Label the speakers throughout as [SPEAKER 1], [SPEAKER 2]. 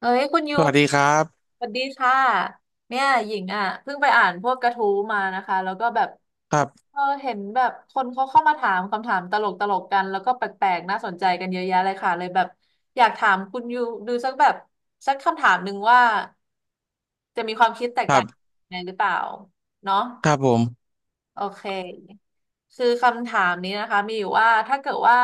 [SPEAKER 1] เอ้ยคุณยู
[SPEAKER 2] สวัสดีครับ
[SPEAKER 1] สวัสดีค่ะเนี่ยหญิงอ่ะเพิ่งไปอ่านพวกกระทู้มานะคะแล้วก็แบบ
[SPEAKER 2] ครับ
[SPEAKER 1] เออเห็นแบบคนเขาเข้ามาถามคำถามตลกตลกกันแล้วก็แปลกๆน่าสนใจกันเยอะแยะเลยค่ะเลยแบบอยากถามคุณยูดูสักแบบสักคำถามหนึ่งว่าจะมีความคิดแตก
[SPEAKER 2] ครั
[SPEAKER 1] ต่าง
[SPEAKER 2] บ
[SPEAKER 1] ยังไงหรือเปล่าเนาะ
[SPEAKER 2] ครับผม
[SPEAKER 1] โอเคคือคำถามนี้นะคะมีอยู่ว่าถ้าเกิดว่า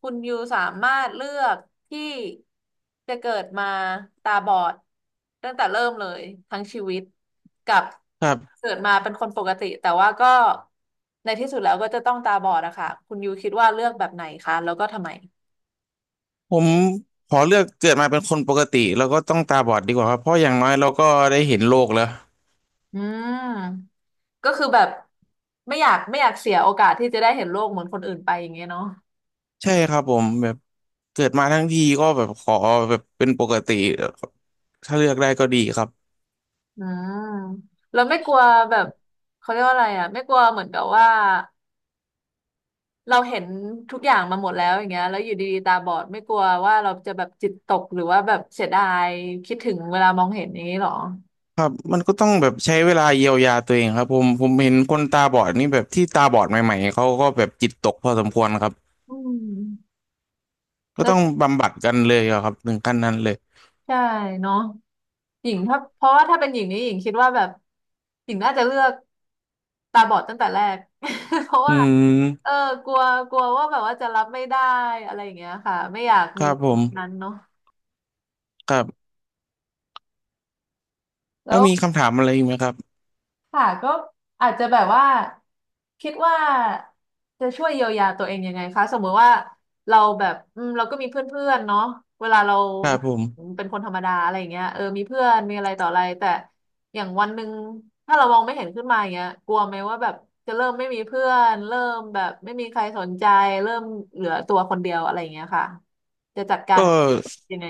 [SPEAKER 1] คุณยูสามารถเลือกที่จะเกิดมาตาบอดตั้งแต่เริ่มเลยทั้งชีวิตกับ
[SPEAKER 2] ครับ
[SPEAKER 1] เกิดมาเป็นคนปกติแต่ว่าก็ในที่สุดแล้วก็จะต้องตาบอดอะค่ะคุณยูคิดว่าเลือกแบบไหนคะแล้วก็ทำไม
[SPEAKER 2] ผมขอเลือกเกิดมาเป็นคนปกติแล้วก็ต้องตาบอดดีกว่าครับเพราะอย่างน้อยเราก็ได้เห็นโลกแล้ว
[SPEAKER 1] อืมก็คือแบบไม่อยากเสียโอกาสที่จะได้เห็นโลกเหมือนคนอื่นไปอย่างเงี้ยเนาะ
[SPEAKER 2] ใช่ครับผมแบบเกิดมาทั้งทีก็แบบขอแบบเป็นปกติถ้าเลือกได้ก็ดีครับ
[SPEAKER 1] อ่าเราไม่กลัวแบบเขาเรียกว่าอะไรอ่ะไม่กลัวเหมือนกับว่าเราเห็นทุกอย่างมาหมดแล้วอย่างเงี้ยแล้วอยู่ดีๆตาบอดไม่กลัวว่าเราจะแบบจิตตกหรือว่าแบบเสียดายคิดถึงเวลามองเห็นอย่างนี้หรอ
[SPEAKER 2] ครับมันก็ต้องแบบใช้เวลาเยียวยาตัวเองครับผมเห็นคนตาบอดนี่แบบที่ตาบอดใหม่ๆเขาก็แบบจิตตกพอสมควรครับ
[SPEAKER 1] อืม
[SPEAKER 2] ก็
[SPEAKER 1] แล้ว
[SPEAKER 2] ต้องบำบัดกันเลยอะครับถึงขั้นนั้นเลย
[SPEAKER 1] ใช่เนาะหญิงถ้าเพราะว่าถ้าเป็นหญิงนี่หญิงคิดว่าแบบหญิงน่าจะเลือกตาบอดตั้งแต่แรก เพราะ
[SPEAKER 2] อื
[SPEAKER 1] ว่าเอ
[SPEAKER 2] ม
[SPEAKER 1] อกลัวกลัวว่าแบบว่าจะรับไม่ได้อะไรอย่างเงี้ยค่ะไม่อยาก
[SPEAKER 2] ค
[SPEAKER 1] มี
[SPEAKER 2] รับผม
[SPEAKER 1] แบบนั้นเนาะ
[SPEAKER 2] ครับ
[SPEAKER 1] แล้
[SPEAKER 2] แล้ว
[SPEAKER 1] ว
[SPEAKER 2] มีคำถามอะไรอีกไหมครับ
[SPEAKER 1] ค่ะก็อาจจะแบบว่าคิดว่าจะช่วยเยียวยาตัวเองยังไงคะสมมุติว่าเราแบบอืมเราก็มีเพื่อนๆเนาะเวลาเรา
[SPEAKER 2] ครับผม
[SPEAKER 1] เป็นคนธรรมดาอะไรอย่างเงี้ยเออมีเพื่อนมีอะไรต่ออะไรแต่อย่างวันหนึ่งถ้าเรามองไม่เห็นขึ้นมาอย่างเงี้ยกลัวไหมว่าแบบจะเริ่มไม่มีเพื่อนเริ่มแบบไม่มีใครสนใจเริ่มเหลือตัวคนเดียวอะไรอย่างเงี้ยค่ะจะจัดกา
[SPEAKER 2] ก็
[SPEAKER 1] รยังไง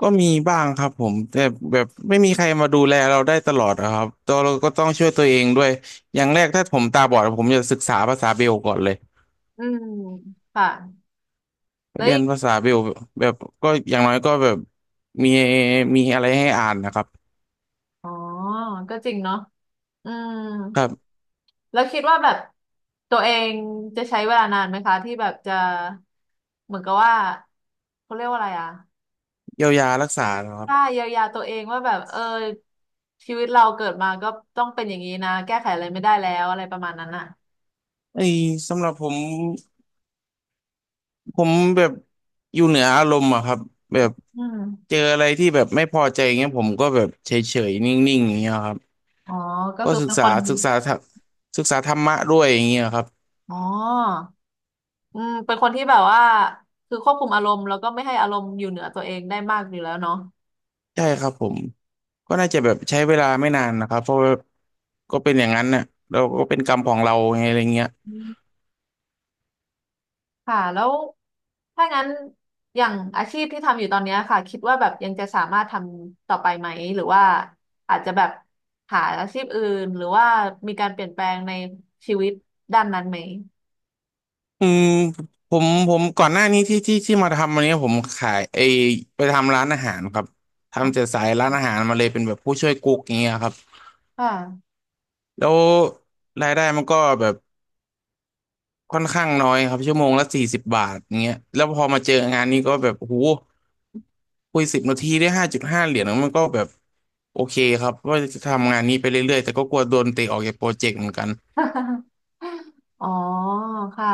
[SPEAKER 2] ก็มีบ้างครับผมแต่แบบไม่มีใครมาดูแลเราได้ตลอดอะครับตัวเราก็ต้องช่วยตัวเองด้วยอย่างแรกถ้าผมตาบอดผมจะศึกษาภาษาเบลก่อนเลย
[SPEAKER 1] อืมค่ะแล้ว
[SPEAKER 2] เรีย
[SPEAKER 1] อี
[SPEAKER 2] น
[SPEAKER 1] ก
[SPEAKER 2] ภาษาเบลแบบก็อย่างน้อยก็แบบมีมีอะไรให้อ่านนะครับ
[SPEAKER 1] อ๋อก็จริงเนาะอืม
[SPEAKER 2] ครับ
[SPEAKER 1] แล้วคิดว่าแบบตัวเองจะใช้เวลานานไหมคะที่แบบจะเหมือนกับว่าเขาเรียกว่าอะไรอะ
[SPEAKER 2] เยียวยารักษานะครับ
[SPEAKER 1] ถ้าเยียวยาตัวเองว่าแบบเออชีวิตเราเกิดมาก็ต้องเป็นอย่างนี้นะแก้ไขอะไรไม่ได้แล้วอะไรประมาณนั้นอ่ะ
[SPEAKER 2] ไอ้สำหรับผมผมแบบอยู่เหนืออารมณ์อะครับแบบ
[SPEAKER 1] อื
[SPEAKER 2] เจอ
[SPEAKER 1] ม
[SPEAKER 2] อะไรที่แบบไม่พอใจอย่างเงี้ยผมก็แบบเฉยๆนิ่งๆอย่างเงี้ยครับ
[SPEAKER 1] อ๋อก็
[SPEAKER 2] ก็
[SPEAKER 1] คือเป็นคน
[SPEAKER 2] ศึกษาธรรมศึกษาธรรมะด้วยอย่างเงี้ยครับ
[SPEAKER 1] อ๋ออืมเป็นคนที่แบบว่าคือควบคุมอารมณ์แล้วก็ไม่ให้อารมณ์อยู่เหนือตัวเองได้มากอยู่แล้วเนาะ
[SPEAKER 2] ใช่ครับผมก็น่าจะแบบใช้เวลาไม่นานนะครับเพราะว่าก็เป็นอย่างนั้นเนี่ยเราก็เป็นกรรมของเราไงอะไรเงี้ย
[SPEAKER 1] ค่ะแล้วถ้างั้นอย่างอาชีพที่ทำอยู่ตอนเนี้ยค่ะคิดว่าแบบยังจะสามารถทำต่อไปไหมหรือว่าอาจจะแบบหาอาชีพอื่นหรือว่ามีการเปลี่ยนแปลงในชีวิตด้านนั้นไหม
[SPEAKER 2] อืมผมก่อนหน้านี้ที่มาทำวันนี้ผมขายไปทำร้านอาหารครับ
[SPEAKER 1] อ๋
[SPEAKER 2] ทำจาก
[SPEAKER 1] อ
[SPEAKER 2] สายร้านอาหารมาเลยเป็นแบบผู้ช่วยกุ๊กอย่างเงี้ยครับ
[SPEAKER 1] ค่ะ
[SPEAKER 2] แล้วรายได้มันก็แบบ ค่อนข้างน้อยครับชั่วโมงละสี่สิบบาทอย่างเงี้ยแล้วพอมาเจองานนี้ก็แบบโอ้โหคุยสิบนาทีได้ห้าจุดห้าเหรียญมันก็แบบโอเคครับว่าจะทำงานนี้ไปเรื่อยๆแต่ก็กลัวโดนเตะออกจากโปรเจกต์เหมือนกัน
[SPEAKER 1] อ๋อค่ะ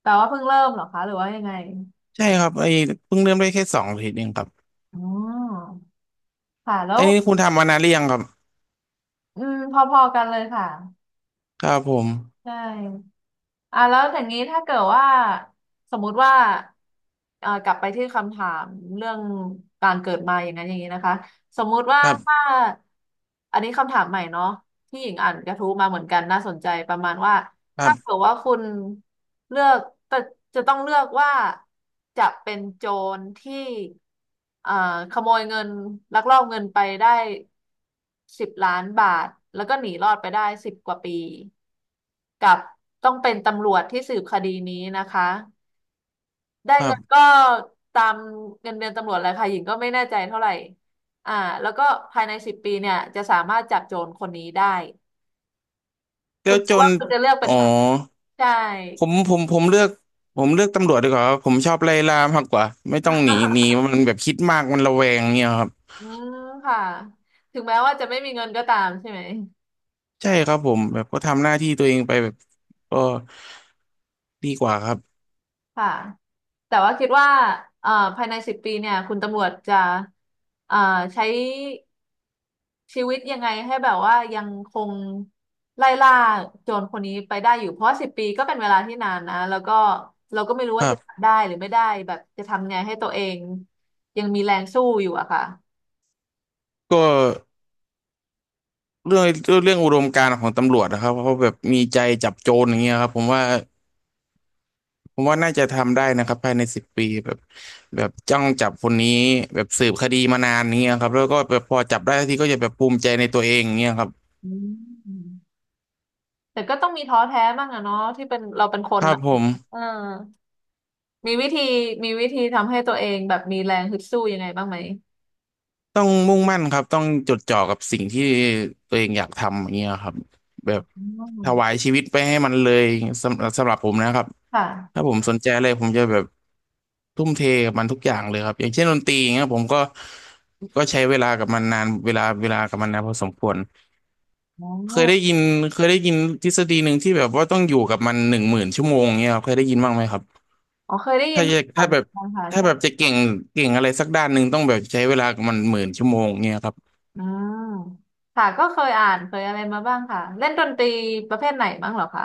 [SPEAKER 1] แต่ว่าเพิ่งเริ่มเหรอคะหรือว่ายังไง
[SPEAKER 2] ใช่ครับเพิ่งเริ่มได้แค่สองอาทิตย์เองครับ
[SPEAKER 1] อ๋อค่ะแล้
[SPEAKER 2] อั
[SPEAKER 1] ว
[SPEAKER 2] นนี้คุณทำมานานหรือยังครับ
[SPEAKER 1] อืมพอๆกันเลยค่ะ
[SPEAKER 2] ครับผม
[SPEAKER 1] ใช่อ่ะแล้วอย่างนี้ถ้าเกิดว่าสมมุติว่ากลับไปที่คำถามเรื่องการเกิดมาอย่างนั้นอย่างนี้นะคะ สมมุติว่า
[SPEAKER 2] ครั
[SPEAKER 1] ถ้า
[SPEAKER 2] บ
[SPEAKER 1] อันนี้คำถามใหม่เนาะที่หญิงอ่านกระทู้มาเหมือนกันน่าสนใจประมาณว่า
[SPEAKER 2] ครั
[SPEAKER 1] ถ้าเกิด
[SPEAKER 2] บ
[SPEAKER 1] ว่าคุณเลือกแต่จะต้องเลือกว่าจะเป็นโจรที่เอ่อขโมยเงินลักลอบเงินไปได้10 ล้านบาทแล้วก็หนีรอดไปได้10 กว่าปีกับต้องเป็นตำรวจที่สืบคดีนี้นะคะได้
[SPEAKER 2] ครั
[SPEAKER 1] เงินก็
[SPEAKER 2] บ
[SPEAKER 1] ตามเงินเดือนตำรวจเลยค่ะหญิงก็ไม่แน่ใจเท่าไหร่อ่าแล้วก็ภายในสิบปีเนี่ยจะสามารถจับโจรคนนี้ได้คุ
[SPEAKER 2] แล้
[SPEAKER 1] ณ
[SPEAKER 2] ว
[SPEAKER 1] คิ
[SPEAKER 2] จ
[SPEAKER 1] ด
[SPEAKER 2] น
[SPEAKER 1] ว่าคุณจะเลือกเป็
[SPEAKER 2] อ๋
[SPEAKER 1] น
[SPEAKER 2] อ
[SPEAKER 1] ใครใช่
[SPEAKER 2] ผมผมผมเลือกผมเลือกตำรวจดีกว่าครับผมชอบไล่ล่ามากกว่าไม่ต้องหนี มันแบบคิดมากมันระแวงเนี่ยครับ
[SPEAKER 1] อืมค่ะถึงแม้ว่าจะไม่มีเงินก็ตามใช่ไหม
[SPEAKER 2] ใช่ครับผมแบบก็ทำหน้าที่ตัวเองไปแบบก็ดีกว่าครับ
[SPEAKER 1] ค่ะแต่ว่าคิดว่าเอ่อภายในสิบปีเนี่ยคุณตำรวจจะเอ่อใช้ชีวิตยังไงให้แบบว่ายังคงไล่ล่าโจรคนนี้ไปได้อยู่เพราะสิบปีก็เป็นเวลาที่นานนะแล้วก็เราก็ไม่รู้
[SPEAKER 2] ค
[SPEAKER 1] ว่า
[SPEAKER 2] รั
[SPEAKER 1] จะ
[SPEAKER 2] บ
[SPEAKER 1] ทำได้หรือไม่ได้แบบจะทำไงให้ตัวเองยังมีแรงสู้อยู่อะค่ะ
[SPEAKER 2] ก็เรื่องเรื่องอุดมการณ์ของตำรวจนะครับเขาแบบมีใจจับโจรอย่างเงี้ยครับผมว่าน่าจะทำได้นะครับภายในสิบปีแบบแบบจ้องจับคนนี้แบบสืบคดีมานานอย่างเงี้ยครับแล้วก็แบบพอจับได้ทีก็จะแบบภูมิใจในตัวเองอย่างเงี้ยครับ
[SPEAKER 1] อืมแต่ก็ต้องมีท้อแท้บ้างอะเนาะที่เป็นเราเป็นค
[SPEAKER 2] ค
[SPEAKER 1] น
[SPEAKER 2] รับ
[SPEAKER 1] อะ
[SPEAKER 2] ผม
[SPEAKER 1] เออ มีวิธีมีวิธีทำให้ตัวเองแบบมีแรงฮึดสู้ยังไงบ้างไหม
[SPEAKER 2] ต้องมุ่งมั่นครับต้องจดจ่อกับสิ่งที่ตัวเองอยากทำอย่างเงี้ยครับแบ
[SPEAKER 1] อ
[SPEAKER 2] บ
[SPEAKER 1] ื
[SPEAKER 2] ถวาย
[SPEAKER 1] ม
[SPEAKER 2] ชีวิตไปให้มันเลยสำหรับผมนะครับ
[SPEAKER 1] ค
[SPEAKER 2] ถ้า
[SPEAKER 1] ่ะ
[SPEAKER 2] ผมสนใจอะไรผมจะแบบทุ่มเทกับมันทุกอย่างเลยครับอย่างเช่นดนตรีอย่างเงี้ยผมก็ใช้เวลากับมันนานเวลากับมันนานพอสมควร
[SPEAKER 1] อ๋อ
[SPEAKER 2] เคยได้ยินเคยได้ยินทฤษฎีหนึ่งที่แบบว่าต้องอยู่กับมันหนึ่งหมื่นชั่วโมงเงี้ยครับเคยได้ยินบ้างไหมครับ
[SPEAKER 1] อ๋อเคยได้ยิ
[SPEAKER 2] ถ้า
[SPEAKER 1] น
[SPEAKER 2] จะ
[SPEAKER 1] ผ่า
[SPEAKER 2] ถ้า
[SPEAKER 1] น
[SPEAKER 2] แบบ
[SPEAKER 1] ค่ะ
[SPEAKER 2] ถ้าแบบ
[SPEAKER 1] ใช่
[SPEAKER 2] จะเก่งอะไรสักด้านหนึ่งต้องแบบใช้เวลากับมันหมื่นชั่วโมงเงี้ยครับ
[SPEAKER 1] อ่าค่ะก็เคยอ่านเคยอะไรมาบ้างค่ะเล่นดนตรีประเภทไหนบ้างเหรอคะ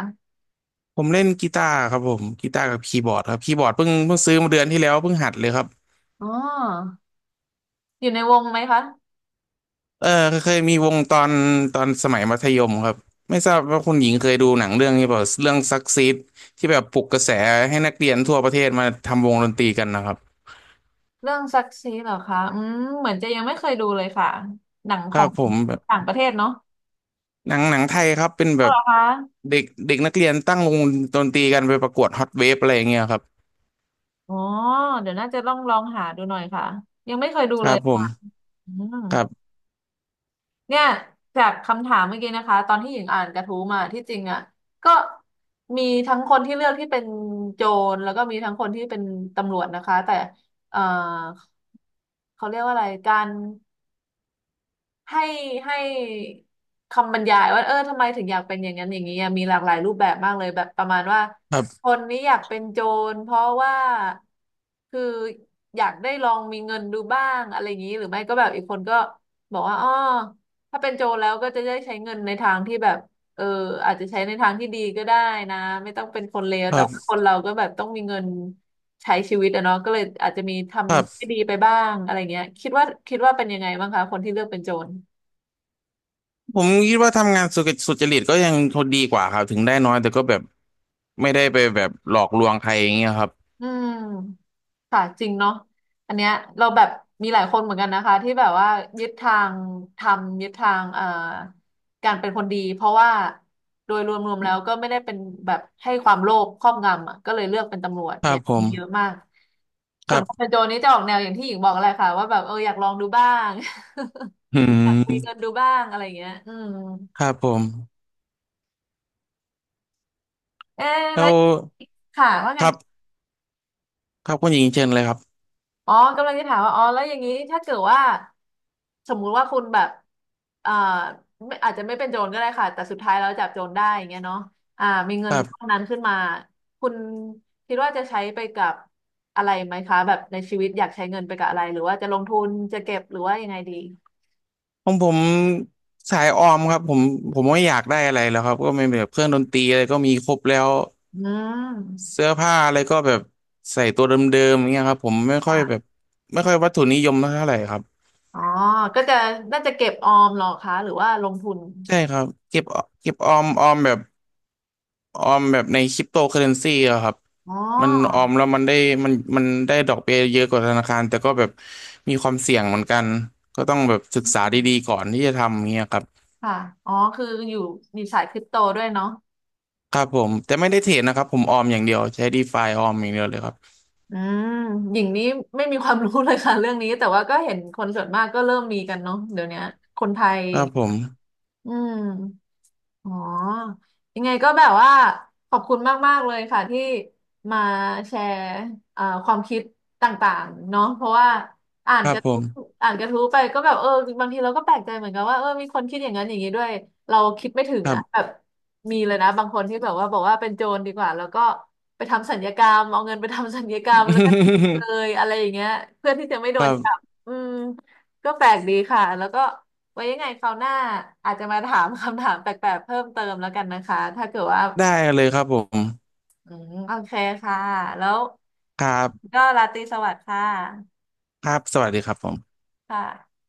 [SPEAKER 2] ผมเล่นกีตาร์ครับผมกีตาร์กับคีย์บอร์ดครับคีย์บอร์ดเพิ่งซื้อมาเดือนที่แล้วเพิ่งหัดเลยครับ
[SPEAKER 1] อ๋ออยู่ในวงไหมคะ
[SPEAKER 2] เออเคยมีวงตอนสมัยมัธยมครับไม่ทราบว่าคุณหญิงเคยดูหนังเรื่องนี้เปล่าเรื่องซักซีดที่แบบปลุกกระแสให้นักเรียนทั่วประเทศมาทำวงดนตรีกันนะครับ
[SPEAKER 1] เรื่องซักซีเหรอคะอืมเหมือนจะยังไม่เคยดูเลยค่ะหนัง
[SPEAKER 2] ค
[SPEAKER 1] ข
[SPEAKER 2] รั
[SPEAKER 1] อ
[SPEAKER 2] บ
[SPEAKER 1] ง
[SPEAKER 2] ผมแบบ
[SPEAKER 1] ต่างประเทศเนาะ
[SPEAKER 2] หนังไทยครับเป็นแบ
[SPEAKER 1] เหร
[SPEAKER 2] บ
[SPEAKER 1] อคะ
[SPEAKER 2] เด็กเด็กนักเรียนตั้งวงดนตรีกันไปประกวดฮอตเวฟอะไรอย่างเงี้ยครับ
[SPEAKER 1] อ๋อเดี๋ยวน่าจะต้องลองหาดูหน่อยค่ะยังไม่เคยดู
[SPEAKER 2] ค
[SPEAKER 1] เล
[SPEAKER 2] รั
[SPEAKER 1] ย
[SPEAKER 2] บผม
[SPEAKER 1] ค่ะอืม
[SPEAKER 2] ครับ
[SPEAKER 1] เนี่ยจากคำถามเมื่อกี้นะคะตอนที่หญิงอ่านกระทู้มาที่จริงอ่ะก็มีทั้งคนที่เลือกที่เป็นโจรแล้วก็มีทั้งคนที่เป็นตำรวจนะคะแต่เอ่อเขาเรียกว่าอะไรการ ให้ให้คำบรรยายว่าเออทำไมถึงอยากเป็นอย่างนั้นอย่างนี้อะมีหลากหลายรูปแบบมากเลยแบบประมาณว่า
[SPEAKER 2] ครั
[SPEAKER 1] ค
[SPEAKER 2] บ
[SPEAKER 1] นนี้อยากเป็นโจรเพราะว่าคืออยากได้ลองมีเงินดูบ้างอะไรอย่างนี้หรือไม่ก็แบบอีกคนก็บอกว่าอ๋อถ้าเป็นโจรแล้วก็จะได้ใช้เงินในทางที่แบบเอออาจจะใช้ในทางที่ดีก็ได้นะไม่ต้องเป็นคนเลว
[SPEAKER 2] ค
[SPEAKER 1] แต่
[SPEAKER 2] รั
[SPEAKER 1] ว่าค
[SPEAKER 2] บ
[SPEAKER 1] นเราก็แบบต้องมีเงินใช้ชีวิตอะเนาะก็เลยอาจจะมีท
[SPEAKER 2] ครั
[SPEAKER 1] ำ
[SPEAKER 2] บ
[SPEAKER 1] ไม่ดีไปบ้างอะไรเงี้ยคิดว่าเป็นยังไงบ้างคะคนที่เลือกเป็นโจร
[SPEAKER 2] ผมคิดว่าทำงานสุจริตสุจริตก็ยังดีกว่าครับถึงได้น้อยแต่ก็แบบ ไม่ได้ไปแบบหลอกลวงใครอย่างเงี้ยครับ
[SPEAKER 1] อืมค่ะจริงเนาะอันเนี้ยเราแบบมีหลายคนเหมือนกันนะคะที่แบบว่ายึดทางทำยึดทางการเป็นคนดีเพราะว่าโดยรวมๆแล้วก็ไม่ได้เป็นแบบให้ความโลภครอบงำอ่ะก็เลยเลือกเป็นตำรวจ
[SPEAKER 2] ครั
[SPEAKER 1] เนี่
[SPEAKER 2] บ
[SPEAKER 1] ย
[SPEAKER 2] ผ
[SPEAKER 1] มี
[SPEAKER 2] ม
[SPEAKER 1] เยอะมาก
[SPEAKER 2] ค
[SPEAKER 1] ส่ว
[SPEAKER 2] รั
[SPEAKER 1] นคน
[SPEAKER 2] บ
[SPEAKER 1] เป็นโจรนี่จะออกแนวอย่างที่หญิงบอกแหละค่ะว่าแบบเอออยากลองดูบ้าง
[SPEAKER 2] อื
[SPEAKER 1] อยากมีเงิ
[SPEAKER 2] ม
[SPEAKER 1] นดูบ้างอะไรอย่างเงี้ยอืม
[SPEAKER 2] ครับผม
[SPEAKER 1] เอ๊ะ
[SPEAKER 2] แล้
[SPEAKER 1] แล้ว
[SPEAKER 2] ว
[SPEAKER 1] ค่ะว่าไง
[SPEAKER 2] ครับครับคุณหญิงเชิญเลยครับ
[SPEAKER 1] อ๋อกำลังจะถามว่าอ๋อแล้วอย่างนี้ถ้าเกิดว่าสมมุติว่าคุณแบบเอ่อไม่อาจจะไม่เป็นโจรก็ได้ค่ะแต่สุดท้ายแล้วจับโจรได้อย่างเงี้ยเนาะอ่ามีเงิ
[SPEAKER 2] ค
[SPEAKER 1] น
[SPEAKER 2] รั
[SPEAKER 1] ก้อ
[SPEAKER 2] บ
[SPEAKER 1] นนั้นขึ้นมาคุณคิดว่าจะใช้ไปกับอะไรไหมคะแบบในชีวิตอยากใช้เงินไปกับอะไรหรือว่าจะลงทุนจะเก็บหรือว่ายังไงดี
[SPEAKER 2] ของผมสายออมครับผมไม่อยากได้อะไรแล้วครับก็ไม่แบบเครื่องดนตรีอะไรก็มีครบแล้ว
[SPEAKER 1] อืม
[SPEAKER 2] เสื้อผ้าอะไรก็แบบใส่ตัวเดิมๆอย่างเงี้ยครับผมไม่ค่อยแบบ
[SPEAKER 1] ค่ะ
[SPEAKER 2] ไม่ค่อยวัตถุนิยมเท่าไหร่ครับ
[SPEAKER 1] อ๋อก็จะน่าจะเก็บออมเหรอคะหรือว่าลงทุน
[SPEAKER 2] ใช่ครับเก็บออมแบบ ออมแบบในคริปโตเคอเรนซีอะครับ
[SPEAKER 1] อ๋อ
[SPEAKER 2] มันออมแล้วมันได้ดอกเบี้ยเยอะกว่าธนาคารแต่ก็แบบมีความเสี่ยงเหมือนกันก็ต้องแบบศึกษาดีๆก่อนที่จะทำอย่างเงี้ยครับ
[SPEAKER 1] ค่ะอ๋อคืออยู่มีสายคริปโตด้วยเนาะ
[SPEAKER 2] ครับผมแต่ไม่ได้เทรดนะครับผมออมอย่างเดียวใช้ดีฟาออมอย่างเดียวเลยครับ
[SPEAKER 1] อืมหญิงนี้ไม่มีความรู้เลยค่ะ เรื่องนี้แต่ว่าก็เห็นคนส่วนมากก็เริ่มมีกันเนาะเดี๋ยวเนี้ยคนไทย
[SPEAKER 2] ค
[SPEAKER 1] อ
[SPEAKER 2] รั
[SPEAKER 1] ย่าง
[SPEAKER 2] บ
[SPEAKER 1] เงี้
[SPEAKER 2] ผ
[SPEAKER 1] ย
[SPEAKER 2] ม
[SPEAKER 1] อืม อ๋อ ยังไงก็แบบว่าขอบคุณมากๆเลยค่ะที่มาแชร์ความคิดต่างๆเนาะเพราะว่าอ่า
[SPEAKER 2] ค
[SPEAKER 1] น
[SPEAKER 2] รั
[SPEAKER 1] ก
[SPEAKER 2] บ
[SPEAKER 1] ระ
[SPEAKER 2] ผ
[SPEAKER 1] ทู้
[SPEAKER 2] ม
[SPEAKER 1] อ่านกระทู้ไปก็แบบเออบางทีเราก็แปลกใจเหมือนกันว่าเออมีคนคิดอย่างนั้นอย่างนี้ด้วยเราคิดไม่ถึง
[SPEAKER 2] ครับ
[SPEAKER 1] นะแบบมีเลยนะบางคนที่แบบว่าบอกว่าเป็นโจรดีกว่าแล้วก็ไปทำสัญญกรรมเอาเงินไปทำสัญญกรรมแล้วก็เล ยอะไรอย่างเงี้ยเพื่อที่จะไม่โด
[SPEAKER 2] ค
[SPEAKER 1] น
[SPEAKER 2] รั
[SPEAKER 1] จับ
[SPEAKER 2] บ
[SPEAKER 1] อืมก็แปลกดีค่ะแล้วก็ ไว้ยังไงคราวหน้าอาจจะมาถามคำถามแปลกๆเพิ่มเติมแล้วกันนะคะถ้าเกิดว่า
[SPEAKER 2] ได้เลยครับผม
[SPEAKER 1] อืมโอเคค่ะแล้ว
[SPEAKER 2] ครับ
[SPEAKER 1] ก็ราตรีสวัสดิ์ค่ะ
[SPEAKER 2] ครับสวัสดีครับผม
[SPEAKER 1] ค่ะ